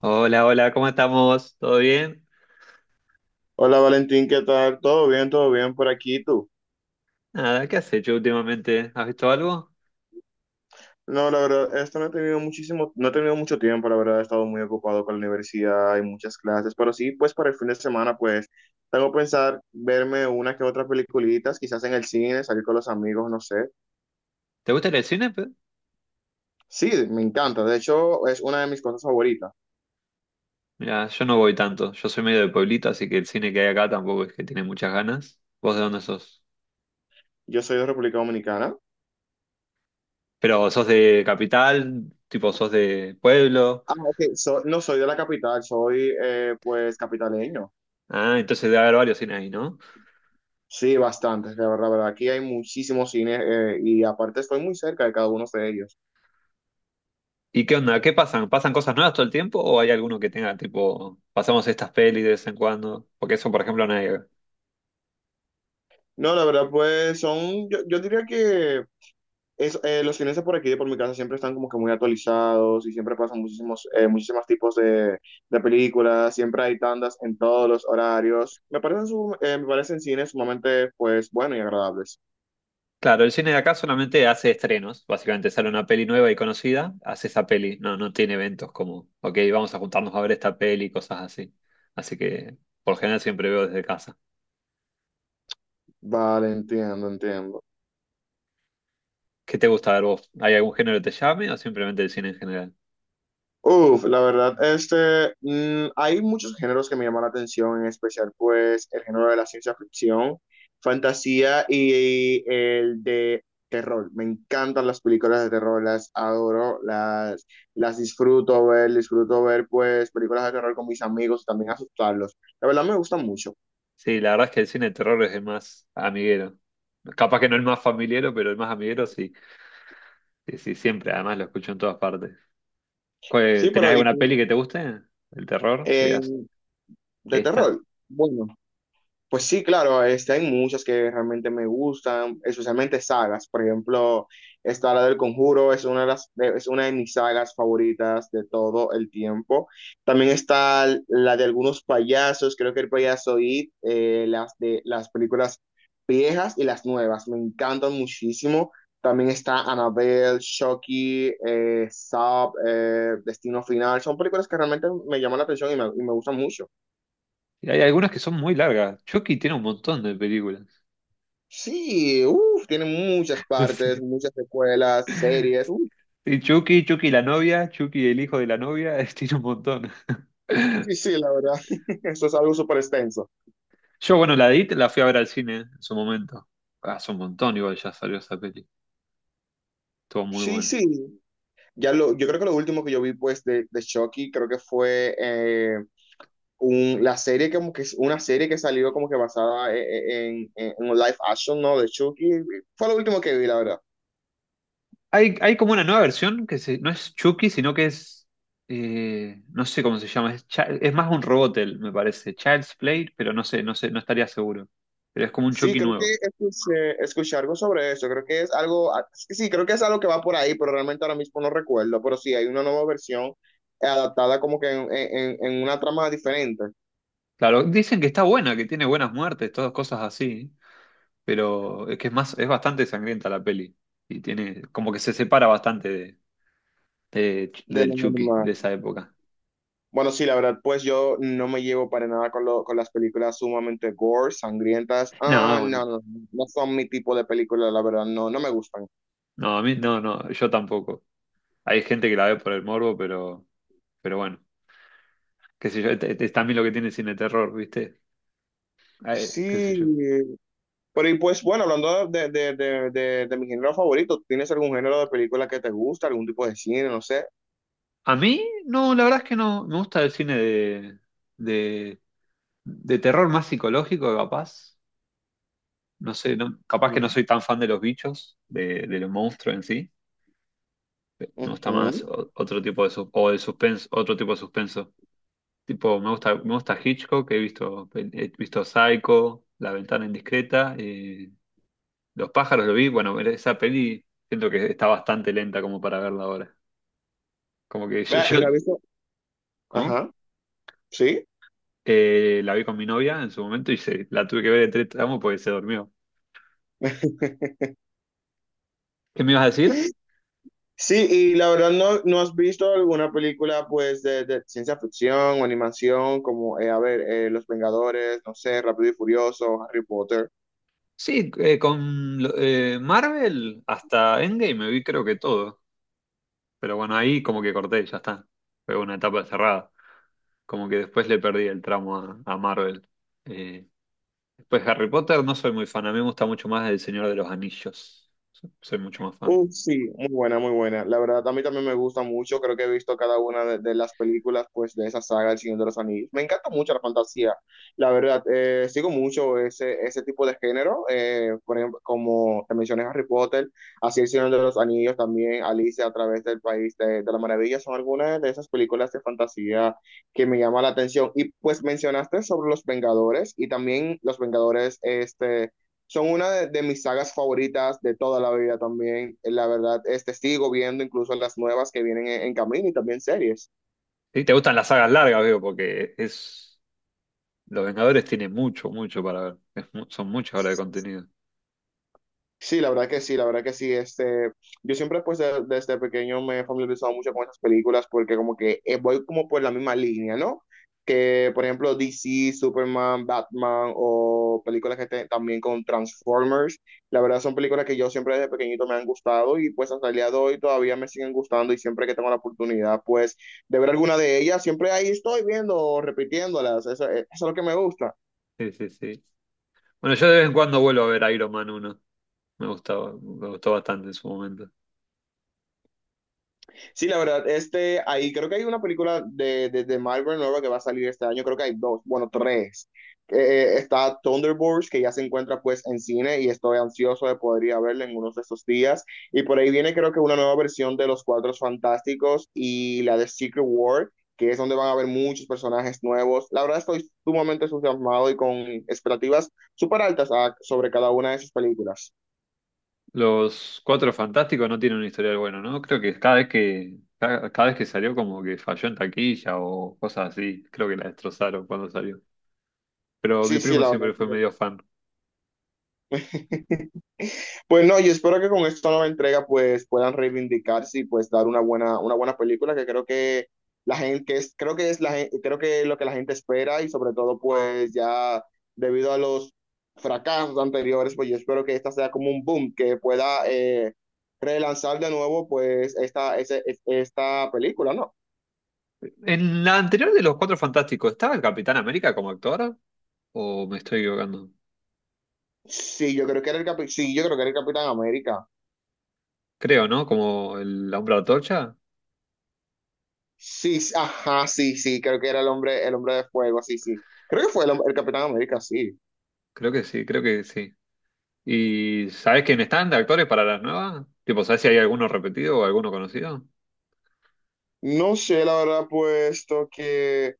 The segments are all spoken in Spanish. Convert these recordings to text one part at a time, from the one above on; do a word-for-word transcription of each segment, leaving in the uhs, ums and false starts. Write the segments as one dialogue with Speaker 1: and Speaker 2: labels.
Speaker 1: Hola, hola, ¿cómo estamos? ¿Todo bien?
Speaker 2: Hola Valentín, ¿qué tal? ¿Todo bien? ¿Todo bien por aquí? ¿Y ¿Tú?
Speaker 1: Nada, ¿qué has hecho últimamente? ¿Has visto algo?
Speaker 2: No, la verdad, esto no he tenido muchísimo, no he tenido mucho tiempo, la verdad, he estado muy ocupado con la universidad y muchas clases, pero sí, pues para el fin de semana, pues tengo que pensar verme una que otra peliculitas, quizás en el cine, salir con los amigos, no sé.
Speaker 1: ¿Te gusta ir al cine? Pe?
Speaker 2: Sí, me encanta, de hecho, es una de mis cosas favoritas.
Speaker 1: Mira, yo no voy tanto. Yo soy medio de pueblito, así que el cine que hay acá tampoco es que tiene muchas ganas. ¿Vos de dónde sos?
Speaker 2: Yo soy de República Dominicana.
Speaker 1: Pero sos de capital, tipo sos de pueblo.
Speaker 2: Ah, ok, so- no soy de la capital, soy eh, pues capitaleño.
Speaker 1: Ah, entonces debe haber varios cines ahí, ¿no?
Speaker 2: Sí, bastantes, la verdad, verdad. Aquí hay muchísimos cines eh, y aparte estoy muy cerca de cada uno de ellos.
Speaker 1: ¿Y qué onda? ¿Qué pasan? ¿Pasan cosas nuevas todo el tiempo o hay alguno que tenga, tipo, pasamos estas pelis de vez en cuando? Porque eso, por ejemplo, no hay.
Speaker 2: No, la verdad, pues son, yo, yo diría que es, eh, los cines de por aquí, de por mi casa, siempre están como que muy actualizados y siempre pasan muchísimos, eh, muchísimos tipos de, de películas, siempre hay tandas en todos los horarios. Me parecen, su- eh, me parecen cines sumamente, pues, bueno y agradables.
Speaker 1: Claro, el cine de acá solamente hace estrenos. Básicamente sale una peli nueva y conocida, hace esa peli. No, no tiene eventos como, ok, vamos a juntarnos a ver esta peli, cosas así. Así que, por general, siempre veo desde casa.
Speaker 2: Vale, entiendo, entiendo.
Speaker 1: ¿Qué te gusta ver vos? ¿Hay algún género que te llame o simplemente el cine en general?
Speaker 2: Uf, la verdad, este, mm, hay muchos géneros que me llaman la atención, en especial pues el género de la ciencia ficción, fantasía y, el de terror. Me encantan las películas de terror, las adoro, las, las disfruto ver, disfruto ver pues películas de terror con mis amigos y también asustarlos. La verdad me gustan mucho.
Speaker 1: Sí, la verdad es que el cine de terror es el más amiguero. Capaz que no el más familiero, pero el más amiguero sí. Sí, sí, siempre. Además lo escucho en todas partes.
Speaker 2: Sí,
Speaker 1: ¿Cuál- ¿Tenés
Speaker 2: pero ¿y
Speaker 1: alguna peli
Speaker 2: tú?
Speaker 1: que te guste? ¿El terror? ¿Qué
Speaker 2: Eh,
Speaker 1: digas?
Speaker 2: de
Speaker 1: Esta.
Speaker 2: terror. Bueno. Pues sí, claro, este, hay muchas que realmente me gustan, especialmente sagas. Por ejemplo, esta la del Conjuro es una de las, de- es una de mis sagas favoritas de todo el tiempo. También está la de algunos payasos, creo que el payaso It, eh, las de las películas viejas y las nuevas, me encantan muchísimo. También está Annabelle, Chucky, eh, Saw, eh, Destino Final. Son películas que realmente me llaman la atención y me, y me gustan mucho.
Speaker 1: Y hay algunas que son muy largas. Chucky tiene un montón de películas.
Speaker 2: Sí, uff, tiene muchas partes,
Speaker 1: Sí.
Speaker 2: muchas secuelas, series. Uf,
Speaker 1: Y Chucky, Chucky la novia, Chucky el hijo de la novia, es- tiene un montón.
Speaker 2: sí, sí, la verdad. Eso es algo súper extenso.
Speaker 1: Yo, bueno, la It la fui a ver al cine en su momento. Hace un montón, igual ya salió esa peli. Estuvo muy
Speaker 2: Sí,
Speaker 1: bueno.
Speaker 2: sí. Ya lo, yo creo que lo último que yo vi, pues, de, de Chucky, creo que fue eh, un- la serie, como que es una serie que salió como que basada en, en, en- en un live action, ¿no? De Chucky. Fue lo último que vi, la verdad.
Speaker 1: Hay, hay como una nueva versión que se- no es Chucky, sino que es. Eh, no sé cómo se llama. Es, Chi- es más un robot, él, me parece. Child's Play, pero no sé, no sé, no estaría seguro. Pero es como un
Speaker 2: Sí,
Speaker 1: Chucky
Speaker 2: creo que
Speaker 1: nuevo.
Speaker 2: escuché, escuché algo sobre eso. Creo que es algo, sí, creo que es algo que va por ahí, pero realmente ahora mismo no recuerdo. Pero sí, hay una nueva versión eh, adaptada como que en, en- en una trama diferente
Speaker 1: Claro, dicen que está buena, que tiene buenas muertes, todas cosas así. Pero es que es más, es bastante sangrienta la peli. Y tiene, como que se separa bastante de, de-
Speaker 2: de
Speaker 1: del
Speaker 2: lo
Speaker 1: Chucky de
Speaker 2: normal.
Speaker 1: esa época.
Speaker 2: Bueno, sí, la verdad, pues yo no me llevo para nada con, lo- con las películas sumamente gore, sangrientas.
Speaker 1: No,
Speaker 2: Ah,
Speaker 1: bueno,
Speaker 2: no, no, no son mi tipo de películas, la verdad, no, no me gustan.
Speaker 1: no, a mí, no, no, yo tampoco. Hay gente que la ve por el morbo, pero, pero bueno, qué sé yo, es, es también lo que tiene el cine de terror, ¿viste? Ay, qué sé
Speaker 2: Sí,
Speaker 1: yo.
Speaker 2: pero y pues bueno, hablando de, de, de, de, de mi género favorito, ¿tienes algún género de película que te gusta, algún tipo de cine, no sé?
Speaker 1: A mí, no, la verdad es que no, me gusta el cine de, de, de terror más psicológico, capaz. No sé, no, capaz que no
Speaker 2: Ujú.
Speaker 1: soy tan fan de los bichos, de, de los monstruos en sí. Me gusta más
Speaker 2: Ujú.
Speaker 1: o- otro tipo de sus- o el suspenso, otro tipo de suspenso. Tipo, me gusta, me gusta Hitchcock, he visto, he visto Psycho, La ventana indiscreta, eh, Los pájaros lo vi, bueno, esa peli siento que está bastante lenta como para verla ahora. Como que yo,
Speaker 2: Vea, y
Speaker 1: yo-
Speaker 2: no has visto,
Speaker 1: ¿cómo?
Speaker 2: ajá, sí.
Speaker 1: Eh, la vi con mi novia en su momento y se, la tuve que ver en tres tramos porque se durmió. ¿Qué me ibas a decir?
Speaker 2: Sí, y la verdad no, no has visto alguna película pues de, de ciencia ficción o animación como, eh, a ver, eh, Los Vengadores, no sé, Rápido y Furioso, Harry Potter.
Speaker 1: Sí, eh, con lo- eh, Marvel hasta Endgame me vi creo que todo. Pero bueno, ahí como que corté, ya está. Fue una etapa cerrada. Como que después le perdí el tramo a, a Marvel. Eh, Después Harry Potter no soy muy fan, a mí me gusta mucho más El Señor de los Anillos. Soy soy mucho más fan.
Speaker 2: Uf, sí, muy buena, muy buena. La verdad, a mí también me gusta mucho. Creo que he visto cada una de, de las películas pues, de esa saga, El Señor de los Anillos. Me encanta mucho la fantasía. La verdad, eh, sigo mucho ese, ese tipo de género. Eh, por ejemplo, como te mencioné, Harry Potter, así El Señor de los Anillos, también Alicia a través del País de, de la Maravilla. Son algunas de esas películas de fantasía que me llama la atención. Y pues mencionaste sobre los Vengadores y también los Vengadores este, son una de, de mis sagas favoritas de toda la vida también. Eh, La verdad, este sigo viendo incluso las nuevas que vienen en, en camino y también series.
Speaker 1: Sí, te gustan las sagas largas, veo, porque es Los Vengadores tiene mucho, mucho para ver. Es mu- son muchas horas de contenido.
Speaker 2: Sí, la verdad que sí, la verdad que sí. Este, yo siempre pues de- desde pequeño me he familiarizado mucho con esas películas porque como que eh, voy como por la misma línea, ¿no? Que por ejemplo D C, Superman, Batman o películas que te- también con Transformers, la verdad son películas que yo siempre desde pequeñito me han gustado y pues hasta el día de hoy todavía me siguen gustando y siempre que tengo la oportunidad pues de ver alguna de ellas, siempre ahí estoy viendo, repitiéndolas, eso, eh, eso es lo que me gusta.
Speaker 1: Sí, sí, sí. Bueno, yo de vez en cuando vuelvo a ver Iron Man uno. Me gustaba, me gustó bastante en su momento.
Speaker 2: Sí, la verdad, este, ahí creo que hay una película de, de, de Marvel nueva que va a salir este año, creo que hay dos, bueno, tres. Eh, está Thunderbolts, que ya se encuentra pues en cine y estoy ansioso de poder ir a verla en unos de estos días. Y por ahí viene creo que una nueva versión de Los Cuatro Fantásticos y la de Secret War, que es donde van a haber muchos personajes nuevos. La verdad estoy sumamente entusiasmado y con expectativas súper altas a- sobre cada una de sus películas.
Speaker 1: Los Cuatro Fantásticos no tienen un historial bueno, ¿no? Creo que cada vez que, cada, cada vez que salió como que falló en taquilla o cosas así, creo que la destrozaron cuando salió. Pero mi
Speaker 2: Sí, sí,
Speaker 1: primo
Speaker 2: la verdad.
Speaker 1: siempre fue medio fan.
Speaker 2: que- Pues no, yo espero que con esta nueva entrega pues puedan reivindicarse y pues dar una buena, una buena película que creo que la gente, que es, creo que es la gen- creo que es lo que la gente espera y sobre todo pues ya debido a los fracasos anteriores, pues yo espero que esta sea como un boom, que pueda eh, relanzar de nuevo pues esta, ese- es- esta película, ¿no?
Speaker 1: En la anterior de los Cuatro Fantásticos, ¿estaba el Capitán América como actor? ¿O me estoy equivocando?
Speaker 2: Sí, yo creo que era el Capi- sí, yo creo que era el Capitán América.
Speaker 1: Creo, ¿no? Como el Hombre Antorcha.
Speaker 2: Sí, sí, ajá, sí, sí, creo que era el hombre, el hombre de fuego, sí, sí. Creo que fue el, hom- el Capitán América, sí.
Speaker 1: Creo que sí, creo que sí. ¿Y sabés quién están de actores para las nuevas? Tipo, ¿sabés si hay alguno repetido o alguno conocido?
Speaker 2: No sé, la verdad, puesto que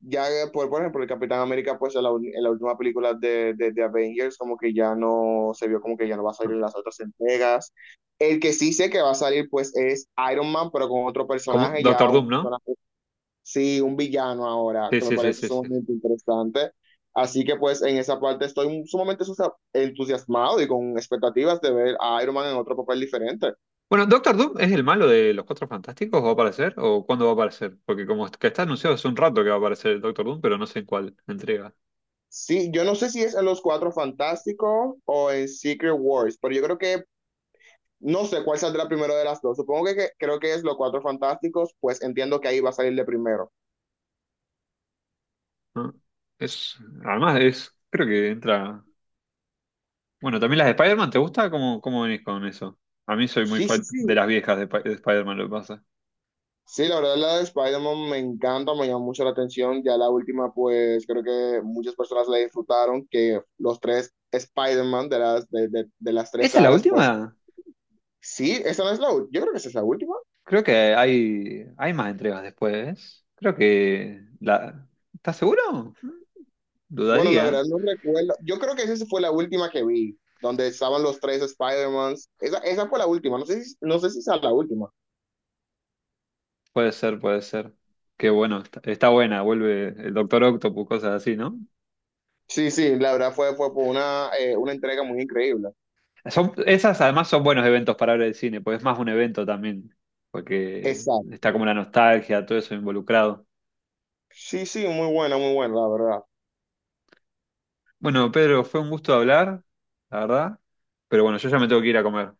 Speaker 2: ya, por, por ejemplo, el Capitán América, pues en la, ul- en la última película de, de, de Avengers, como que ya no se vio como que ya no va a salir
Speaker 1: No.
Speaker 2: en las otras entregas. El que sí sé que va a salir, pues es Iron Man, pero con otro
Speaker 1: Como
Speaker 2: personaje, ya
Speaker 1: Doctor Doom,
Speaker 2: un
Speaker 1: ¿no?
Speaker 2: personaje, sí, un villano ahora,
Speaker 1: Sí,
Speaker 2: que me
Speaker 1: sí, sí,
Speaker 2: parece
Speaker 1: sí, sí.
Speaker 2: sumamente interesante. Así que, pues, en esa parte estoy sumamente entusiasmado y con expectativas de ver a Iron Man en otro papel diferente.
Speaker 1: Bueno, ¿Doctor Doom es el malo de los Cuatro Fantásticos? ¿Va a aparecer? ¿O cuándo va a aparecer? Porque como es- que está anunciado hace un rato que va a aparecer el Doctor Doom, pero no sé en cuál entrega.
Speaker 2: Sí, yo no sé si es en Los Cuatro Fantásticos o en Secret Wars, pero yo creo que no sé cuál saldrá primero de las dos. Supongo que, que- creo que es Los Cuatro Fantásticos, pues entiendo que ahí va a salir de primero.
Speaker 1: ¿No? Es, además es, creo que entra. Bueno, también las de Spider-Man, ¿te gusta? ¿Cómo, cómo venís con eso? A mí soy muy
Speaker 2: Sí, sí,
Speaker 1: fan de
Speaker 2: sí.
Speaker 1: las viejas de, Sp- de Spider-Man, lo que pasa.
Speaker 2: Sí, la verdad la de Spider-Man me encanta, me llama mucho la atención. Ya la última, pues creo que muchas personas la disfrutaron, que los tres Spider-Man de las, de, de, de las tres
Speaker 1: ¿Esa es la
Speaker 2: sagas, pues
Speaker 1: última?
Speaker 2: sí, esa no es la última. Yo creo que esa es la última.
Speaker 1: Creo que hay, hay más entregas después. Creo que la, ¿estás seguro?
Speaker 2: Bueno, la verdad
Speaker 1: Dudaría.
Speaker 2: no recuerdo. Yo creo que esa sí fue la última que vi, donde estaban los tres Spider-Mans. Esa, esa fue la última, no sé si, no sé si esa es la última.
Speaker 1: Puede ser, puede ser. Qué bueno, está, está buena, vuelve el Doctor Octopus, cosas así, ¿no?
Speaker 2: Sí, sí, la verdad fue, fue por una, eh, una entrega muy increíble.
Speaker 1: Son, esas además son buenos eventos para hablar de cine, porque es más un evento también, porque
Speaker 2: Exacto.
Speaker 1: está como la nostalgia, todo eso involucrado.
Speaker 2: Sí, sí, muy buena, muy buena, la verdad.
Speaker 1: Bueno, Pedro, fue un gusto hablar, la verdad, pero bueno, yo ya me tengo que ir a comer.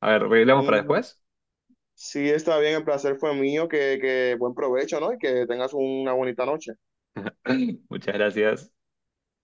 Speaker 1: A ver, ¿arreglamos para
Speaker 2: Mm,
Speaker 1: después?
Speaker 2: sí, está bien, el placer fue mío, que, que buen provecho, ¿no? Y que tengas una bonita noche.
Speaker 1: Muchas gracias.